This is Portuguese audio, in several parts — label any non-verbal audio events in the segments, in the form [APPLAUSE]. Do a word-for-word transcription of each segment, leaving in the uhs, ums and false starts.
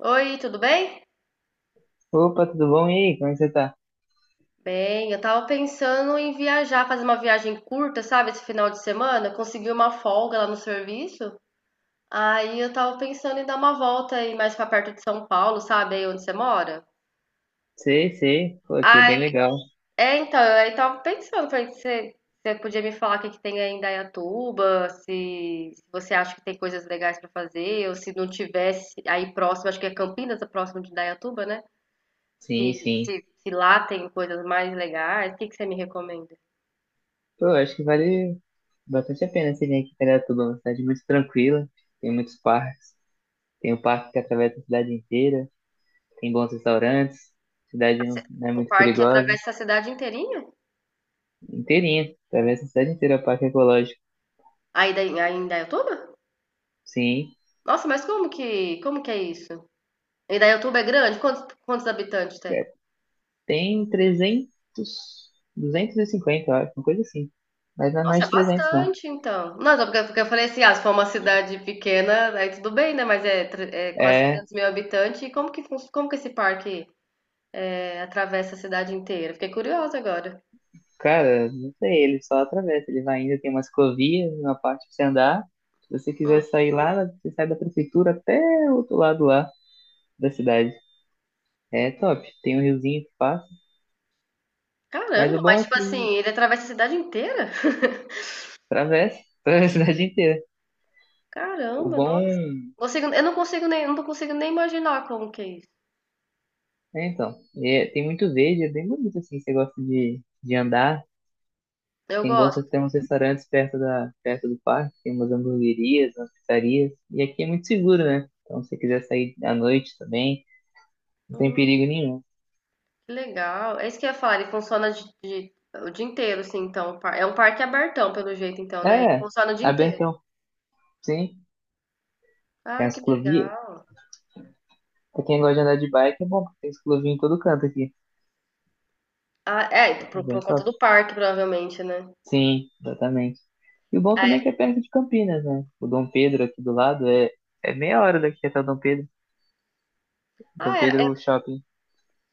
Oi, tudo bem? Opa, tudo bom? E aí, como é que você tá? Bem, eu tava pensando em viajar, fazer uma viagem curta, sabe, esse final de semana, consegui uma folga lá no serviço. Aí eu tava pensando em dar uma volta aí mais pra perto de São Paulo, sabe, aí onde você mora. Sei, sei. Pô, aqui é bem Aí, legal. é, então, eu aí tava pensando, falei, você, você podia me falar o que que tem aí em Indaiatuba, se, se você acha que tem coisas legais pra fazer, ou se não tivesse aí próximo, acho que é Campinas, é próximo de Indaiatuba, né? Se, Sim, sim. se, se lá tem coisas mais legais, o que que você me recomenda? Pô, eu acho que vale bastante a pena você vir aqui para Piratuba. Uma cidade muito tranquila, tem muitos parques. Tem o parque que atravessa a cidade inteira, tem bons restaurantes, a A cidade não, ci- não é O muito parque perigosa. atravessa a cidade inteirinha? Inteirinha, atravessa a cidade inteira, o parque ecológico. Aí daí- aí em Indaiatuba? Sim, Nossa, mas como que, como que é isso? Indaiatuba é grande? Quantos, quantos habitantes tem? é, tem trezentos, duzentos e cinquenta, eu acho, uma coisa assim. Mas não é Nossa, mais é de trezentos, não. bastante, então. Não, só porque, porque eu falei assim, ah, se for uma cidade pequena, aí tudo bem, né? Mas é, tre- é quase É, 300 mil habitantes. E como que, fun- como que esse parque é, atravessa a cidade inteira? Fiquei curiosa agora. cara, não sei, ele só atravessa. Ele vai indo, tem uma ciclovia, uma parte pra você andar. Se você quiser Hum, sair lá, você sai da prefeitura até o outro lado lá da cidade. É top. Tem um riozinho que passa. Mas o Caramba, bom mas é tipo que assim, ele atravessa a cidade inteira? [LAUGHS] atravessa, [LAUGHS] atravessa a cidade inteira. O Caramba, nossa. bom. Consigo- eu não consigo nem, não consigo nem imaginar como que é isso. É, então. É- tem muito verde, é bem bonito assim. Você gosta de, de andar. Eu Tem bons gosto. tem uns restaurantes perto da, perto do parque, tem umas hamburguerias, umas pizzarias. E aqui é muito seguro, né? Então, se você quiser sair à noite também, não tem Hum, perigo nenhum. que legal. É isso que eu ia falar, ele funciona de, de- o dia inteiro, assim, então. o par- É um parque abertão, pelo jeito, então, né? Ele É, funciona o dia inteiro. abertão, sim. Tem Ah, as que ciclovia. legal. Pra quem gosta de andar de bike, é bom, porque tem ciclovia em todo canto aqui. Ah, é, É por, bem por conta top. do parque, provavelmente, né? Sim, exatamente. E o bom também é que é perto de Campinas, né? O Dom Pedro aqui do lado é, é meia hora daqui até o Dom Pedro. Ah, Dom é, Pedro é- Shopping.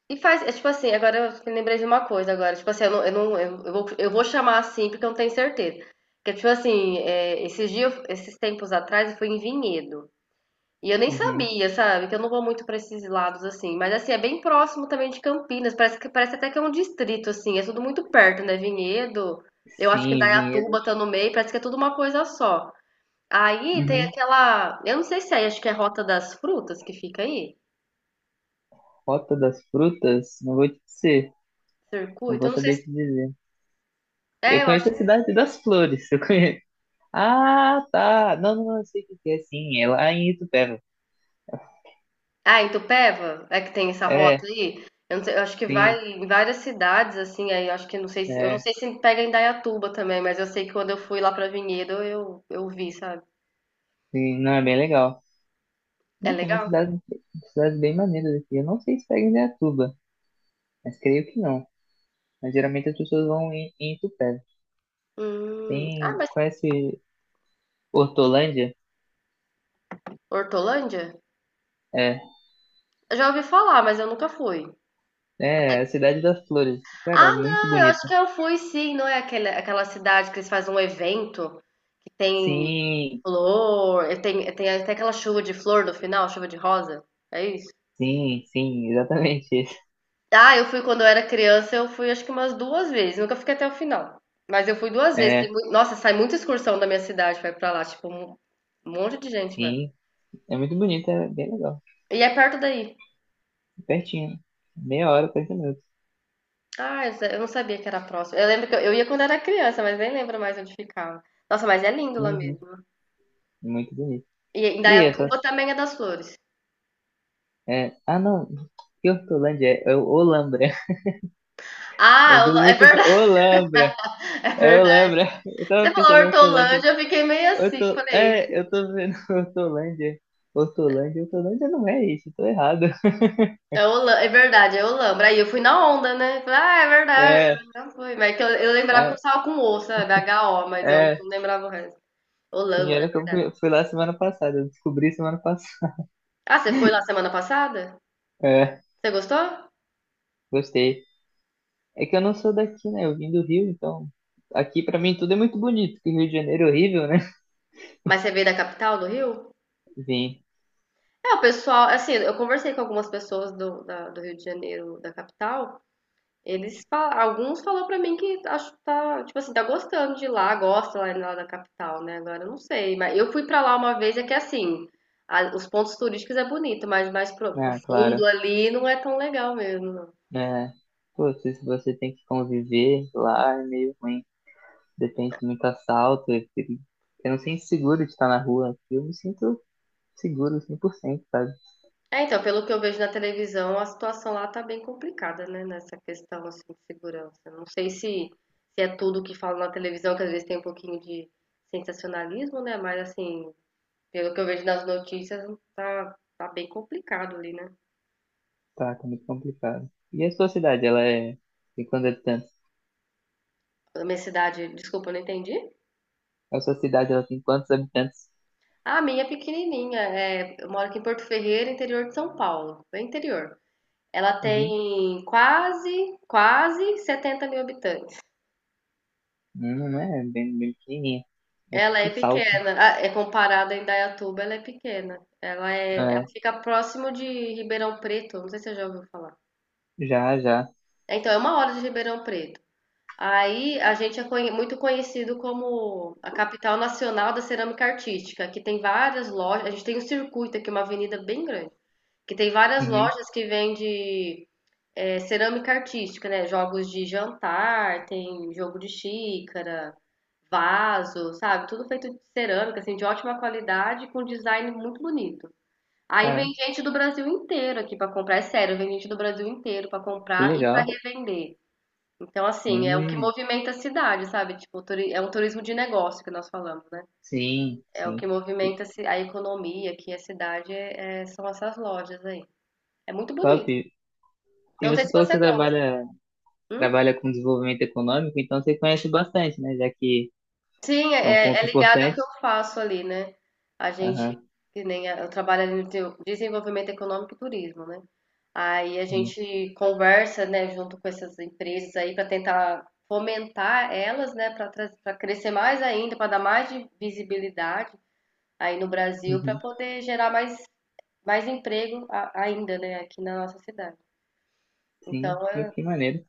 e faz, é tipo assim, agora eu me lembrei de uma coisa agora, tipo assim, eu não, eu não, eu, eu vou, eu vou chamar assim porque eu não tenho certeza. Porque, tipo assim, é, esses dias, esses tempos atrás, eu fui em Vinhedo. E eu nem Uhum. sabia, sabe? Que eu não vou muito pra esses lados assim. Mas assim, é bem próximo também de Campinas. Parece que parece até que é um distrito, assim. É tudo muito perto, né? Vinhedo. Eu acho que Sim, Vinhedo. Indaiatuba tá no meio. Parece que é tudo uma coisa só. Aí tem Uhum. aquela. Eu não sei se é aí, acho que é Rota das Frutas que fica aí. Rota das Frutas, não vou te dizer. Não Circuito. vou Eu não sei se. saber te dizer. É, Eu eu acho. conheço a Cidade das Flores, [LAUGHS] eu conheço. Ah, tá. Não, não, não, eu sei o que que é, sim. É lá em Itupeva. Ah, em Itupeva é que tem essa rota É, aí. Eu, não sei, eu acho que vai sim. em várias cidades, assim, aí eu acho que não sei se, eu não É. sei se pega em Indaiatuba também, mas eu sei que quando eu fui lá pra Vinhedo, eu, eu vi, sabe? Sim, não, é bem legal. É Né, tem uma legal? cidade, cidades bem maneiras aqui. Eu não sei se pega em Indaiatuba, mas creio que não. Mas geralmente as pessoas vão em, em Itupeva. Hum. Ah, Tem, mas Conhece Hortolândia? Hortolândia? É, Eu já ouvi falar, mas eu nunca fui. né, é a cidade das flores. Cara, Ah, é muito não, eu acho bonita. que eu fui sim, não é aquela, aquela cidade que eles fazem um evento que tem Sim, flor, e tem, tem até aquela chuva de flor no final, chuva de rosa. É isso? sim, sim, exatamente [LAUGHS] isso. Ah, eu fui quando eu era criança, eu fui acho que umas duas vezes, nunca fiquei até o final. Mas eu fui duas vezes. tem É, mui- Nossa, sai muita excursão da minha cidade, vai pra lá, tipo, um monte de gente, vai. sim, é muito bonita, é bem legal. E é perto daí. Pertinho, meia hora, quarenta minutos. Ah, exa- eu não sabia que era próximo. Eu lembro que eu, eu ia quando era criança, mas nem lembro mais onde ficava. Nossa, mas é lindo lá Uhum, mesmo. é muito bonito. E E essas... Indaiatuba também é das flores. É, ah, não, que Hortolândia? É, é Olambra. [LAUGHS] É Ah, Hol- é bonito, verdade, Olambra. [LAUGHS] é É, eu verdade. lembro, é. [LAUGHS] eu Você tava falou pensando em Hortolândia. Hortolândia, eu fiquei meio assim, Horto... falei, É, eu tô vendo [LAUGHS] Hortolândia. Hortolândia, Hortolândia não é isso, tô errado. é, Holan- é verdade, é Olambra. Aí eu fui na onda, né? Falei, ah, é verdade, É, já foi. Mas é que eu, eu lembrava que eu é, estava com o, sabe? H O, mas eu é. não lembrava o resto. Sim, Olambra, é olha que eu verdade. fui, fui lá semana passada, eu descobri semana passada. [LAUGHS] Ah, você foi lá semana passada? É, Você gostou? gostei. É que eu não sou daqui, né? Eu vim do Rio, então aqui pra mim tudo é muito bonito, que Rio de Janeiro é horrível, né? Mas você veio da capital do Rio? [LAUGHS] Vim, É, o pessoal, assim, eu conversei com algumas pessoas do, da- do Rio de Janeiro, da capital, eles fala- alguns falaram pra mim que acho tá, tipo assim, tá gostando de lá, gosta lá, lá da capital, né? Agora eu não sei, mas eu fui pra lá uma vez, é que assim, a- os pontos turísticos é bonito, mas mais pro, pro ah, fundo claro. ali não é tão legal mesmo, É, pô, se se você tem que conviver lá, é meio ruim. Depende de muito assalto. Eu, fico- eu não sinto seguro de estar na rua. Aqui eu me sinto seguro cem por cento, sabe? É, então, pelo que eu vejo na televisão, a situação lá tá bem complicada, né? Nessa questão assim, de segurança. Não sei se, se é tudo que falam na televisão, que às vezes tem um pouquinho de sensacionalismo, né? Mas assim, pelo que eu vejo nas notícias, tá, tá bem complicado ali, né? Tá, tá muito complicado. E a sua cidade, ela é... tem quantos habitantes? A minha cidade, desculpa, eu não entendi. A sua cidade, ela tem quantos habitantes? Ah, a minha é pequenininha. É, eu moro aqui em Porto Ferreira, interior de São Paulo, bem interior. Ela Uhum. tem quase, quase 70 mil habitantes. Não, não é bem, bem pequenininha. É Ela tipo é Salto. pequena, ah, é comparada a Indaiatuba, ela é pequena. Ela é, ela É, fica próximo de Ribeirão Preto, não sei se você já ouviu falar. já, já. Então, é uma hora de Ribeirão Preto. Aí a gente é conhe- muito conhecido como a capital nacional da cerâmica artística, que tem várias lojas, a gente tem um circuito aqui, uma avenida bem grande, que tem várias Uhum. lojas que vende é, cerâmica artística, né? Jogos de jantar, tem jogo de xícara, vaso, sabe? Tudo feito de cerâmica, assim, de ótima qualidade, com design muito bonito. Aí vem Caraca, gente do Brasil inteiro aqui pra comprar, é sério, vem gente do Brasil inteiro pra que comprar e pra legal. revender. Então, assim, é o que Hum, movimenta a cidade, sabe? Tipo, turi- é um turismo de negócio que nós falamos, né? sim, É o que sim. E- movimenta a ci- a economia aqui, a cidade, é- é- são essas lojas aí. É muito Top. bonito. Eu E Não sei você se falou que você você gosta. trabalha, Hum? trabalha com desenvolvimento econômico, então você conhece bastante, né? Já que Sim, é um é, é é ponto ligado ao importante. que eu faço ali, né? A gente, Aham, que nem a- eu trabalho ali no teu- desenvolvimento econômico e turismo, né? Aí a sim. gente conversa, né, junto com essas empresas aí para tentar fomentar elas, né, para crescer mais ainda, para dar mais de visibilidade aí no Brasil, para Uhum, poder gerar mais, mais emprego a- ainda, né, aqui na nossa cidade. sim, Então que, é que maneiro.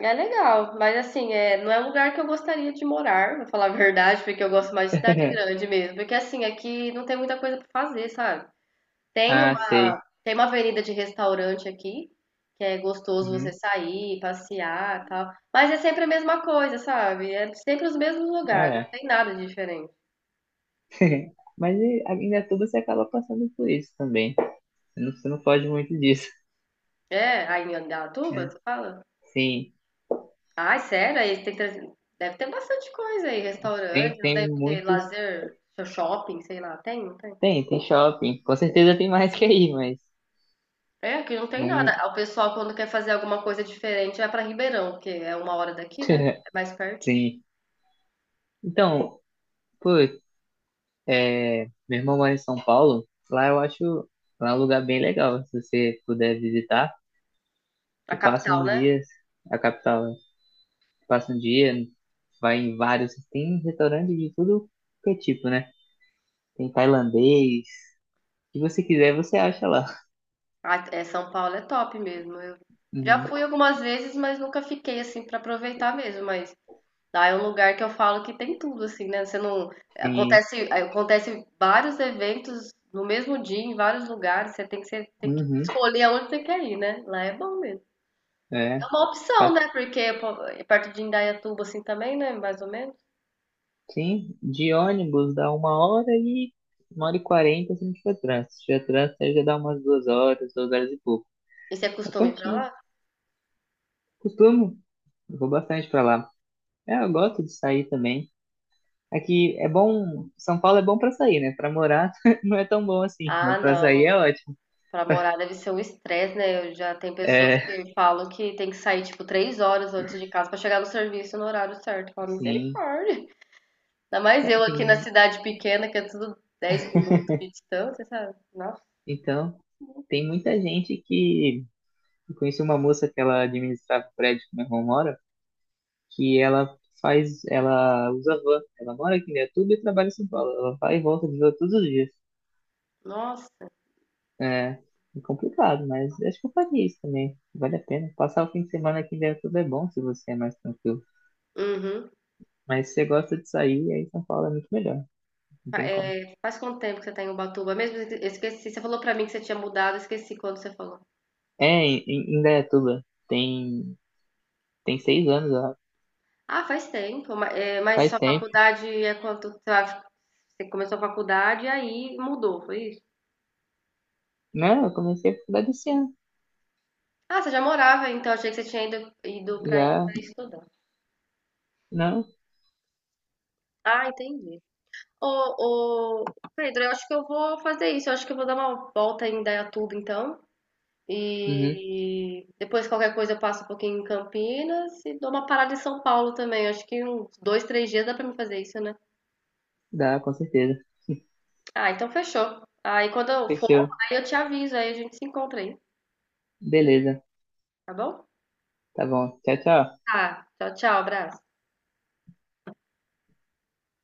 é legal, mas assim, é, não é um lugar que eu gostaria de morar, vou falar a verdade, porque eu gosto mais de cidade grande [LAUGHS] mesmo. Porque assim, aqui não tem muita coisa pra fazer, sabe? Tem Ah, uma, sei. tem uma avenida de restaurante aqui, que é gostoso você Uhum, sair, passear, e tal. Mas é sempre a mesma coisa, sabe? É sempre os mesmos lugares, não é. tem nada de diferente. [LAUGHS] Mas e, ainda é tudo você acaba passando por isso também. Você não, você não foge muito disso. [LAUGHS] É, aí em Indaiatuba, É, tu fala? sim. Ai, sério? Aí tem, treze- deve ter bastante coisa aí, Tem, restaurante, não tem deve ter muitos. lazer, shopping, sei lá, tem, não tem? Tem, tem shopping. Com certeza tem mais que aí, mas É, aqui não tem nada. não. O pessoal, quando quer fazer alguma coisa diferente, vai pra Ribeirão, que é uma hora daqui, né? [LAUGHS] É mais perto. Sim. Então, pô, é, meu irmão mora em São Paulo. Lá, eu acho lá é um lugar bem legal. Se você puder visitar, A você passa capital, um né? dia a capital, né? Passa um dia, vai em vários. Tem restaurante de tudo que é tipo, né? Tem tailandês. Se você quiser, você acha lá. Ah, é, São Paulo é top mesmo. Eu já Uhum. fui algumas vezes, mas nunca fiquei assim pra aproveitar mesmo. Mas lá é um lugar que eu falo que tem tudo, assim, né? Você não. Tem. Acontece, acontece vários eventos no mesmo dia, em vários lugares. Você tem que, você tem que Uhum. escolher aonde você quer ir, né? Lá é bom mesmo. É É. uma opção, passa- né? Porque pô, é perto de Indaiatuba, assim também, né? Mais ou menos. Sim, de ônibus dá uma hora e uma hora e quarenta se não tiver trânsito. Se tiver trânsito, aí já dá umas duas horas, duas horas e pouco. E você É costuma ir pra pertinho. lá? Costumo, eu vou bastante pra lá. É, eu gosto de sair também. Aqui é bom, São Paulo é bom pra sair, né? Pra morar [LAUGHS] não é tão bom assim, Ah, mas pra sair não. é ótimo. Pra morar deve ser um estresse, né? Eu já tem pessoas É, que falam que tem que sair tipo três horas antes de casa pra chegar no serviço no horário certo. Fala, sim. misericórdia. Ainda mais Cara, eu aqui na tem- cidade pequena, que é tudo dez minutos de distância, sabe? Nossa. Então, tem muita gente que. Eu conheci uma moça que ela administrava o prédio que meu irmão mora, que ela faz. Ela usa van. Ela mora aqui em Indaiatuba e trabalha em São Paulo. Ela vai e volta de van todos os dias. Nossa. É, é complicado, mas acho que eu faria isso também. Vale a pena. Passar o fim de semana aqui em Indaiatuba é bom se você é mais tranquilo. Uhum. Mas se você gosta de sair, aí São Paulo é muito melhor. Não Fa- tem como. é, faz quanto tempo que você tá em Ubatuba? Mesmo eu esqueci, você falou pra mim que você tinha mudado, eu esqueci quando você falou. É, em em Indaiatuba tem, tem seis anos, ó. Ah, faz tempo. Ma- é, Mas, Faz sua tempo. faculdade é quanto? Você vai- você começou a faculdade e aí mudou, foi Não, eu comecei a faculdade esse ano. Ah, você já morava, então achei que você tinha ido, ido, para aí Já. para estudar. Não? Ah, entendi. Ô, ô, Pedro, eu acho que eu vou fazer isso. Eu acho que eu vou dar uma volta em Indaiatuba, então. Uhum. E depois, qualquer coisa, eu passo um pouquinho em Campinas e dou uma parada em São Paulo também. Eu acho que uns dois, três dias dá pra mim fazer isso, né? Dá, com certeza. Ah, então fechou. Aí quando eu for, Fechou. aí eu te aviso, aí a gente se encontra aí, Beleza. tá bom? Tá bom. Tchau, tchau. Tá, tchau, tchau, abraço.